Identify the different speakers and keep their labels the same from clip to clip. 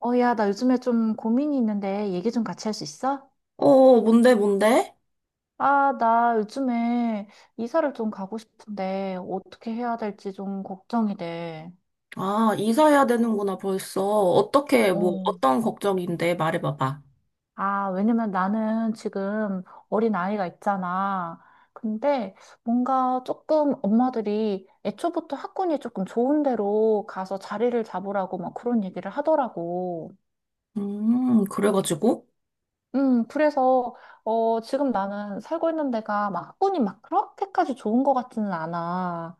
Speaker 1: 어, 야, 나 요즘에 좀 고민이 있는데 얘기 좀 같이 할 수 있어?
Speaker 2: 어, 어, 뭔데, 뭔데?
Speaker 1: 아, 나 요즘에 이사를 좀 가고 싶은데 어떻게 해야 될지 좀 걱정이 돼.
Speaker 2: 아, 이사해야 되는구나, 벌써. 어떻게, 뭐,
Speaker 1: 어.
Speaker 2: 어떤 걱정인데, 말해봐봐.
Speaker 1: 아, 왜냐면 나는 지금 어린 아이가 있잖아. 근데 뭔가 조금 엄마들이 애초부터 학군이 조금 좋은 데로 가서 자리를 잡으라고 막 그런 얘기를 하더라고.
Speaker 2: 그래가지고?
Speaker 1: 그래서 어, 지금 나는 살고 있는 데가 막 학군이 막 그렇게까지 좋은 것 같지는 않아.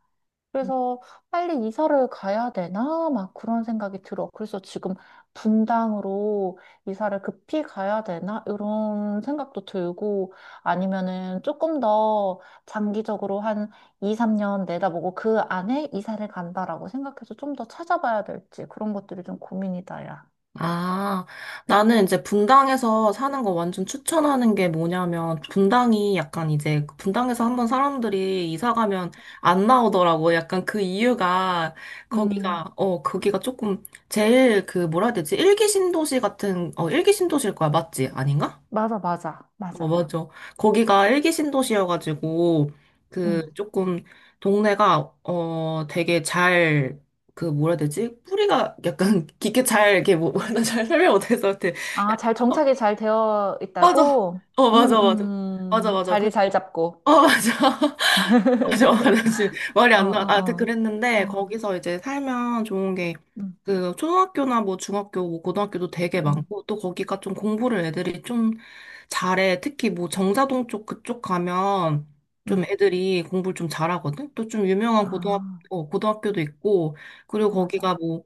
Speaker 1: 그래서 빨리 이사를 가야 되나? 막 그런 생각이 들어. 그래서 지금 분당으로 이사를 급히 가야 되나? 이런 생각도 들고, 아니면은 조금 더 장기적으로 한 2, 3년 내다보고 그 안에 이사를 간다라고 생각해서 좀 더 찾아봐야 될지, 그런 것들이 좀 고민이다, 야.
Speaker 2: 아, 나는 이제 분당에서 사는 거 완전 추천하는 게 뭐냐면, 분당이 약간 이제, 분당에서 한번 사람들이 이사 가면 안 나오더라고. 약간 그 이유가,
Speaker 1: 음,
Speaker 2: 거기가 조금, 제일 그, 뭐라 해야 되지? 일기 신도시 같은, 어, 일기 신도시일 거야, 맞지? 아닌가?
Speaker 1: 맞아, 맞아,
Speaker 2: 어,
Speaker 1: 맞아.
Speaker 2: 맞아. 거기가 일기 신도시여가지고, 그,
Speaker 1: 음.
Speaker 2: 조금, 동네가, 어, 되게 잘, 그, 뭐라 해야 되지? 뿌리가 약간 깊게 잘, 이렇게, 뭐, 나잘 설명 못해서, 이게 약간-
Speaker 1: 아, 잘
Speaker 2: 어,
Speaker 1: 정착이 잘 되어
Speaker 2: 맞아.
Speaker 1: 있다고?
Speaker 2: 어, 맞아, 맞아. 맞아, 맞아. 그,
Speaker 1: 자리 잘 잡고.
Speaker 2: 어, 맞아. 맞아, 맞아. 말이
Speaker 1: 어,
Speaker 2: 안 나. 아,
Speaker 1: 어, 어.
Speaker 2: 그랬는데
Speaker 1: 어,
Speaker 2: 거기서 이제 살면 좋은 게
Speaker 1: 응,
Speaker 2: 그 초등학교나 뭐 중학교, 뭐 고등학교도 되게
Speaker 1: 응,
Speaker 2: 많고 또 거기가 좀 공부를 애들이 좀 잘해. 특히 뭐 정자동 쪽 그쪽 가면 좀
Speaker 1: 응.
Speaker 2: 애들이 공부를 좀 잘하거든. 또 좀 유명한 고등학교
Speaker 1: 아,
Speaker 2: 어, 고등학교도 있고 그리고 거기가
Speaker 1: 맞아.
Speaker 2: 뭐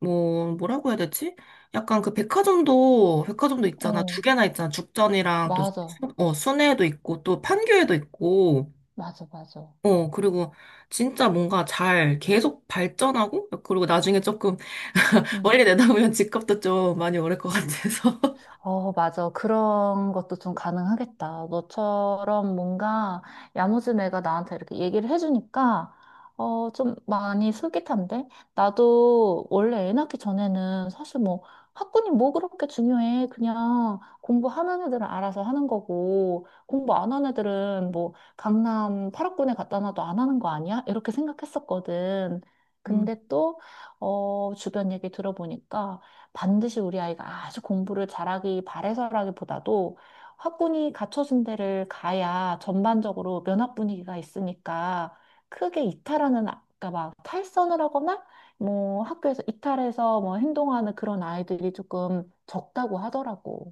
Speaker 2: 뭐 뭐라고 해야 되지? 약간 그 백화점도 있잖아. 두
Speaker 1: 어,
Speaker 2: 개나 있잖아. 죽전이랑 또
Speaker 1: 맞아.
Speaker 2: 어, 순회도 있고 또 판교에도 있고.
Speaker 1: 맞아, 맞아.
Speaker 2: 어, 그리고 진짜 뭔가 잘 계속 발전하고, 그리고 나중에 조금
Speaker 1: 응.
Speaker 2: 멀리 내다보면 집값도 좀 많이 오를 것 같아서.
Speaker 1: 어, 맞아. 그런 것도 좀 가능하겠다. 너처럼 뭔가 야무진 애가 나한테 이렇게 얘기를 해주니까, 어, 좀 많이 솔깃한데? 나도 원래 애 낳기 전에는 사실 뭐 학군이 뭐 그렇게 중요해. 그냥 공부하는 애들은 알아서 하는 거고, 공부 안 하는 애들은 뭐 강남 8학군에 갖다 놔도 안 하는 거 아니야? 이렇게 생각했었거든. 근데 또, 어, 주변 얘기 들어보니까, 반드시 우리 아이가 아주 공부를 잘하기 바래서라기보다도 학군이 갖춰준 데를 가야 전반적으로 면학 분위기가 있으니까 크게 이탈하는, 아까 막 탈선을 하거나 뭐 학교에서 이탈해서 뭐 행동하는 그런 아이들이 조금 적다고 하더라고.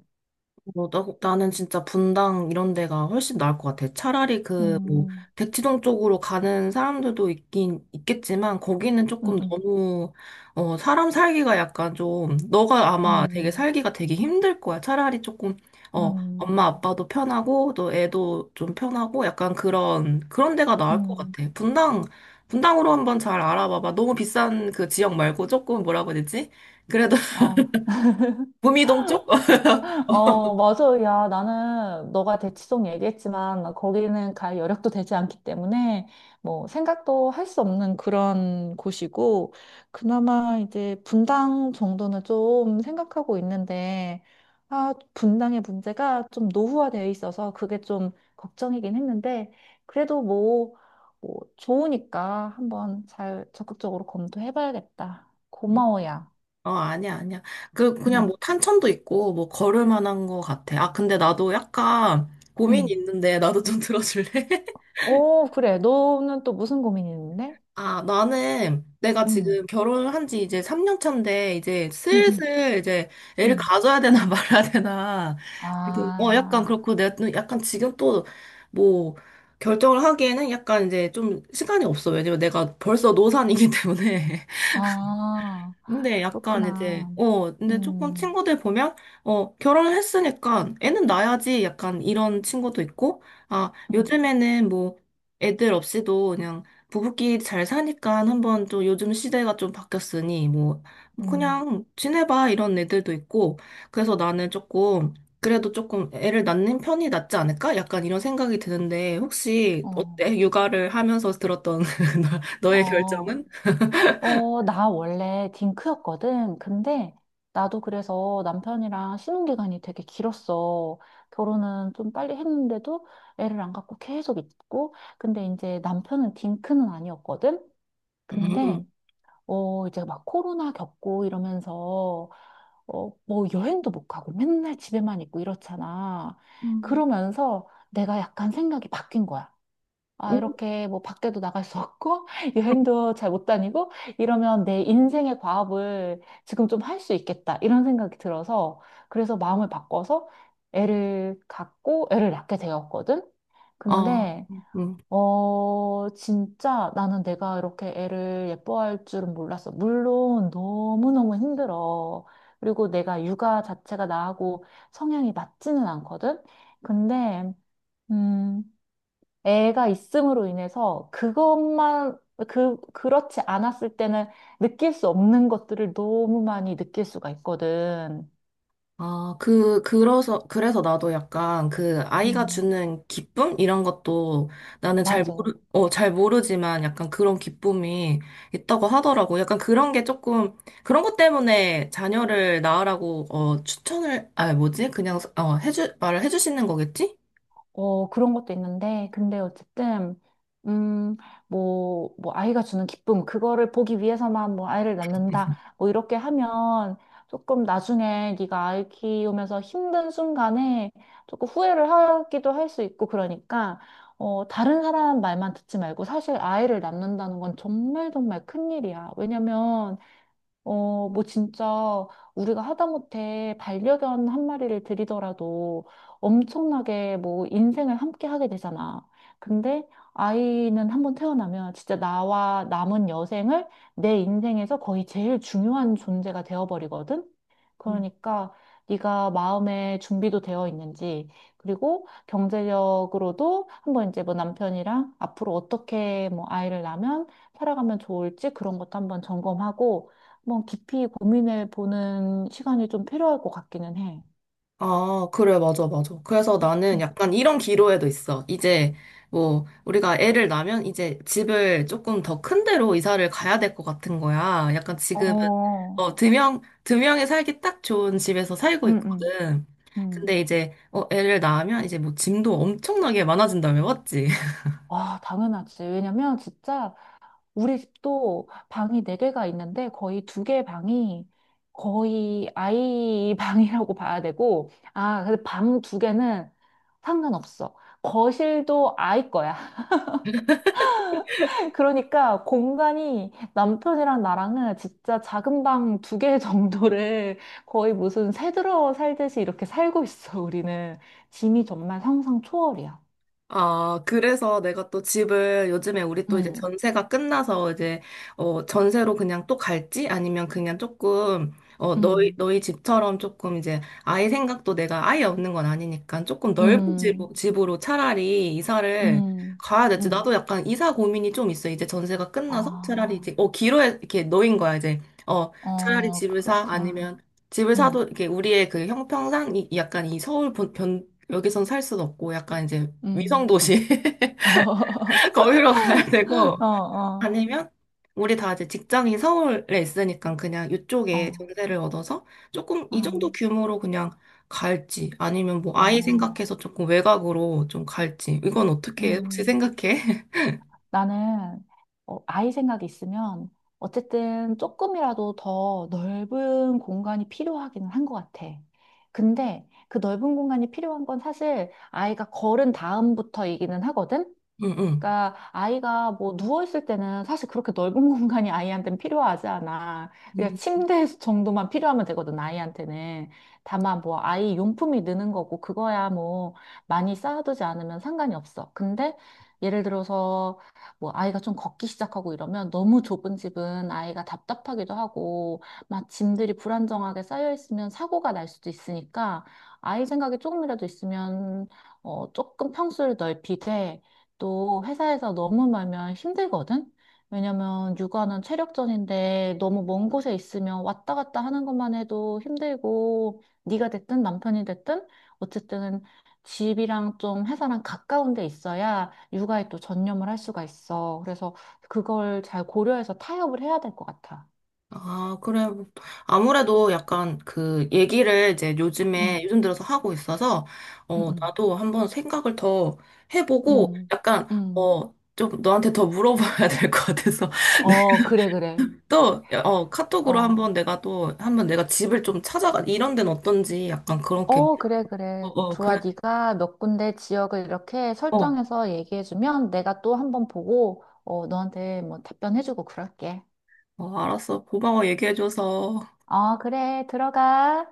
Speaker 2: 뭐, 나는 진짜 분당 이런 데가 훨씬 나을 것 같아. 차라리 그, 뭐,
Speaker 1: 음,
Speaker 2: 대치동 쪽으로 가는 사람들도 있긴, 있겠지만, 거기는
Speaker 1: 음,
Speaker 2: 조금
Speaker 1: 음,
Speaker 2: 너무, 어, 사람 살기가 약간 좀, 너가 아마 되게
Speaker 1: 음,
Speaker 2: 살기가 되게 힘들 거야. 차라리 조금,
Speaker 1: 음,
Speaker 2: 어, 엄마
Speaker 1: 음.
Speaker 2: 아빠도 편하고, 또 애도 좀 편하고, 약간 그런, 그런 데가 나을 것
Speaker 1: 음.
Speaker 2: 같아. 분당으로 한번 잘 알아봐봐. 너무 비싼 그 지역 말고 조금 뭐라고 해야 되지? 그래도
Speaker 1: 어,
Speaker 2: 구미동 쪽?
Speaker 1: 어, 맞아. 야, 나는 너가 대치동 얘기했지만 거기는 갈 여력도 되지 않기 때문에 뭐 생각도 할 수 없는 그런 곳이고, 그나마 이제 분당 정도는 좀 생각하고 있는데, 아, 분당의 문제가 좀 노후화되어 있어서 그게 좀 걱정이긴 했는데, 그래도 뭐, 뭐 좋으니까 한번 잘 적극적으로 검토해봐야겠다. 고마워, 야.
Speaker 2: 어, 아니야, 아니야. 그냥 뭐 탄천도 있고, 뭐 걸을 만한 거 같아. 아, 근데 나도 약간 고민이
Speaker 1: 응.
Speaker 2: 있는데, 나도 좀 들어줄래?
Speaker 1: 오, 그래. 너는 또 무슨 고민이 있는데?
Speaker 2: 아, 나는 내가
Speaker 1: 응,
Speaker 2: 지금 결혼한 지 이제 3년 차인데, 이제
Speaker 1: 응, 응,
Speaker 2: 슬슬 이제 애를
Speaker 1: 응.
Speaker 2: 가져야 되나 말아야 되나. 되게, 어, 약간
Speaker 1: 아,
Speaker 2: 그렇고, 내가 또 약간 지금 또 뭐, 결정을 하기에는 약간 이제 좀 시간이 없어. 왜냐면 내가 벌써 노산이기 때문에.
Speaker 1: 아,
Speaker 2: 근데 약간 이제,
Speaker 1: 그렇구나.
Speaker 2: 어, 근데 조금
Speaker 1: 음,
Speaker 2: 친구들 보면, 어, 결혼했으니까 애는 낳아야지 약간 이런 친구도 있고, 아,
Speaker 1: 음,
Speaker 2: 요즘에는 뭐 애들 없이도 그냥 부부끼리 잘 사니까 한번 또 요즘 시대가 좀 바뀌었으니, 뭐,
Speaker 1: 음,
Speaker 2: 그냥 지내봐 이런 애들도 있고, 그래서 나는 조금, 그래도 조금 애를 낳는 편이 낫지 않을까? 약간 이런 생각이 드는데, 혹시
Speaker 1: 어,
Speaker 2: 어때? 육아를 하면서 들었던 너의
Speaker 1: 어,
Speaker 2: 결정은?
Speaker 1: 어, 나 원래 딩크였거든. 근데 나도 그래서 남편이랑 신혼기간이 되게 길었어. 결혼은 좀 빨리 했는데도 애를 안 갖고 계속 있고. 근데 이제 남편은 딩크는 아니었거든.
Speaker 2: 음.
Speaker 1: 근데 어, 이제 막 코로나 겪고 이러면서, 어, 뭐 여행도 못 가고 맨날 집에만 있고 이렇잖아.
Speaker 2: 음.
Speaker 1: 그러면서 내가 약간 생각이 바뀐 거야. 아, 이렇게 뭐 밖에도 나갈 수 없고, 여행도 잘 못 다니고, 이러면 내 인생의 과업을 지금 좀 할 수 있겠다, 이런 생각이 들어서, 그래서 마음을 바꿔서 애를 갖고 애를 낳게 되었거든.
Speaker 2: 어,
Speaker 1: 근데
Speaker 2: 음.
Speaker 1: 어, 진짜 나는 내가 이렇게 애를 예뻐할 줄은 몰랐어. 물론 너무너무 힘들어. 그리고 내가 육아 자체가 나하고 성향이 맞지는 않거든? 근데, 음, 애가 있음으로 인해서 그것만, 그, 그렇지 않았을 때는 느낄 수 없는 것들을 너무 많이 느낄 수가 있거든.
Speaker 2: 아, 그래서 나도 약간 그 아이가
Speaker 1: 음,
Speaker 2: 주는 기쁨? 이런 것도 나는 잘
Speaker 1: 맞아.
Speaker 2: 모르, 어, 잘 모르지만 약간 그런 기쁨이 있다고 하더라고. 약간 그런 게 조금, 그런 것 때문에 자녀를 낳으라고, 어, 추천을, 아, 뭐지? 그냥, 어, 해주, 말을 해주시는 거겠지?
Speaker 1: 어, 그런 것도 있는데, 근데 어쨌든, 음, 뭐, 뭐, 아이가 주는 기쁨, 그거를 보기 위해서만 뭐, 아이를 낳는다, 뭐, 이렇게 하면 조금 나중에 네가 아이 키우면서 힘든 순간에 조금 후회를 하기도 할 수 있고, 그러니까, 어, 다른 사람 말만 듣지 말고, 사실 아이를 낳는다는 건 정말 정말 큰일이야. 왜냐면, 어, 뭐 진짜 우리가 하다못해 반려견 한 마리를 들이더라도 엄청나게 뭐 인생을 함께 하게 되잖아. 근데 아이는 한번 태어나면 진짜 나와 남은 여생을, 내 인생에서 거의 제일 중요한 존재가 되어버리거든. 그러니까 네가 마음의 준비도 되어 있는지, 그리고 경제력으로도 한번 이제 뭐 남편이랑 앞으로 어떻게 뭐 아이를 낳으면 살아가면 좋을지, 그런 것도 한번 점검하고 한번 깊이 고민해 보는 시간이 좀 필요할 것 같기는 해.
Speaker 2: 아, 그래, 맞아, 맞아. 그래서 나는
Speaker 1: 음.
Speaker 2: 약간 이런 기로에도 있어. 이제, 뭐, 우리가 애를 낳으면 이제 집을 조금 더 큰 데로 이사를 가야 될 것 같은 거야. 약간 지금은,
Speaker 1: 어,
Speaker 2: 어, 두 명이 살기 딱 좋은 집에서 살고
Speaker 1: 응응응.
Speaker 2: 있거든. 근데 이제, 어, 애를 낳으면 이제 뭐 짐도 엄청나게 많아진다며, 맞지?
Speaker 1: 와, 당연하지. 왜냐면 진짜 우리 집도 방이 네개가 있는데 거의 두 개 방이 거의 아이 방이라고 봐야 되고, 아, 근데 방 두개는 상관없어. 거실도 아이 거야. 그러니까 공간이 남편이랑 나랑은 진짜 작은 방 두 개 정도를 거의 무슨 새 들어 살듯이 이렇게 살고 있어, 우리는. 짐이 정말 상상 초월이야.
Speaker 2: 아, 그래서 내가 또 집을 요즘에 우리 또 이제
Speaker 1: 음,
Speaker 2: 전세가 끝나서 이제 어 전세로 그냥 또 갈지 아니면 그냥 조금 어 너희
Speaker 1: 음,
Speaker 2: 너희 집처럼 조금 이제 아예 생각도 내가 아예 없는 건 아니니까 조금 넓은 집
Speaker 1: 음,
Speaker 2: 집으로 차라리 이사를
Speaker 1: 음,
Speaker 2: 가야 될지
Speaker 1: 음.
Speaker 2: 나도 약간 이사 고민이 좀 있어. 이제 전세가 끝나서 차라리
Speaker 1: 아,
Speaker 2: 이제 어 기로에 이렇게 놓인 거야 이제 어 차라리
Speaker 1: 어,
Speaker 2: 집을 사
Speaker 1: 그렇구나.
Speaker 2: 아니면 집을
Speaker 1: 음,
Speaker 2: 사도 이렇게 우리의 그 형평상 이 약간 이 서울 변 여기선 살수 없고 약간 이제 위성
Speaker 1: 음.
Speaker 2: 도시 거기로 가야 되고
Speaker 1: 어, 어,
Speaker 2: 아니면 우리 다 이제 직장이 서울에 있으니까 그냥
Speaker 1: 어,
Speaker 2: 이쪽에 전세를 얻어서 조금
Speaker 1: 어,
Speaker 2: 이 정도 규모로 그냥 갈지 아니면 뭐 아이
Speaker 1: 어,
Speaker 2: 생각해서 조금 외곽으로 좀 갈지 이건 어떻게 해? 혹시
Speaker 1: 음.
Speaker 2: 생각해?
Speaker 1: 나는 어, 아이 생각이 있으면 어쨌든 조금이라도 더 넓은 공간이 필요하기는 한 것 같아. 근데 그 넓은 공간이 필요한 건 사실 아이가 걸은 다음부터이기는 하거든?
Speaker 2: 응응.
Speaker 1: 그러니까 아이가 뭐 누워 있을 때는 사실 그렇게 넓은 공간이 아이한테는 필요하지 않아. 그냥 침대 정도만 필요하면 되거든, 아이한테는. 다만 뭐 아이 용품이 느는 거고, 그거야 뭐 많이 쌓아두지 않으면 상관이 없어. 근데 예를 들어서 뭐 아이가 좀 걷기 시작하고 이러면 너무 좁은 집은 아이가 답답하기도 하고 막 짐들이 불안정하게 쌓여 있으면 사고가 날 수도 있으니까, 아이 생각이 조금이라도 있으면 어 조금 평수를 넓히되 또 회사에서 너무 멀면 힘들거든? 왜냐면 육아는 체력전인데 너무 먼 곳에 있으면 왔다 갔다 하는 것만 해도 힘들고, 네가 됐든 남편이 됐든 어쨌든 집이랑 좀 회사랑 가까운 데 있어야 육아에 또 전념을 할 수가 있어. 그래서 그걸 잘 고려해서 타협을 해야 될 것 같아.
Speaker 2: 아, 그래. 아무래도 약간 그 얘기를 이제 요즘에,
Speaker 1: 응,
Speaker 2: 요즘 들어서 하고 있어서,
Speaker 1: 응,
Speaker 2: 어,
Speaker 1: 응,
Speaker 2: 나도 한번 생각을 더 해보고,
Speaker 1: 응,
Speaker 2: 약간,
Speaker 1: 응.
Speaker 2: 어, 좀 너한테 더 물어봐야 될 것 같아서. 네.
Speaker 1: 어, 그래, 그래.
Speaker 2: 또, 어, 카톡으로
Speaker 1: 어.
Speaker 2: 한번 내가 또, 한번 내가 집을 좀 찾아가, 이런 데는 어떤지 약간 그렇게,
Speaker 1: 어, 그래,
Speaker 2: 어,
Speaker 1: 그래.
Speaker 2: 어,
Speaker 1: 좋아.
Speaker 2: 그래.
Speaker 1: 네가 몇 군데 지역을 이렇게
Speaker 2: 어,
Speaker 1: 설정해서 얘기해주면 내가 또 한번 보고, 어, 너한테 뭐 답변해주고 그럴게.
Speaker 2: 어, 알았어. 고마워, 얘기해줘서.
Speaker 1: 어, 그래. 들어가.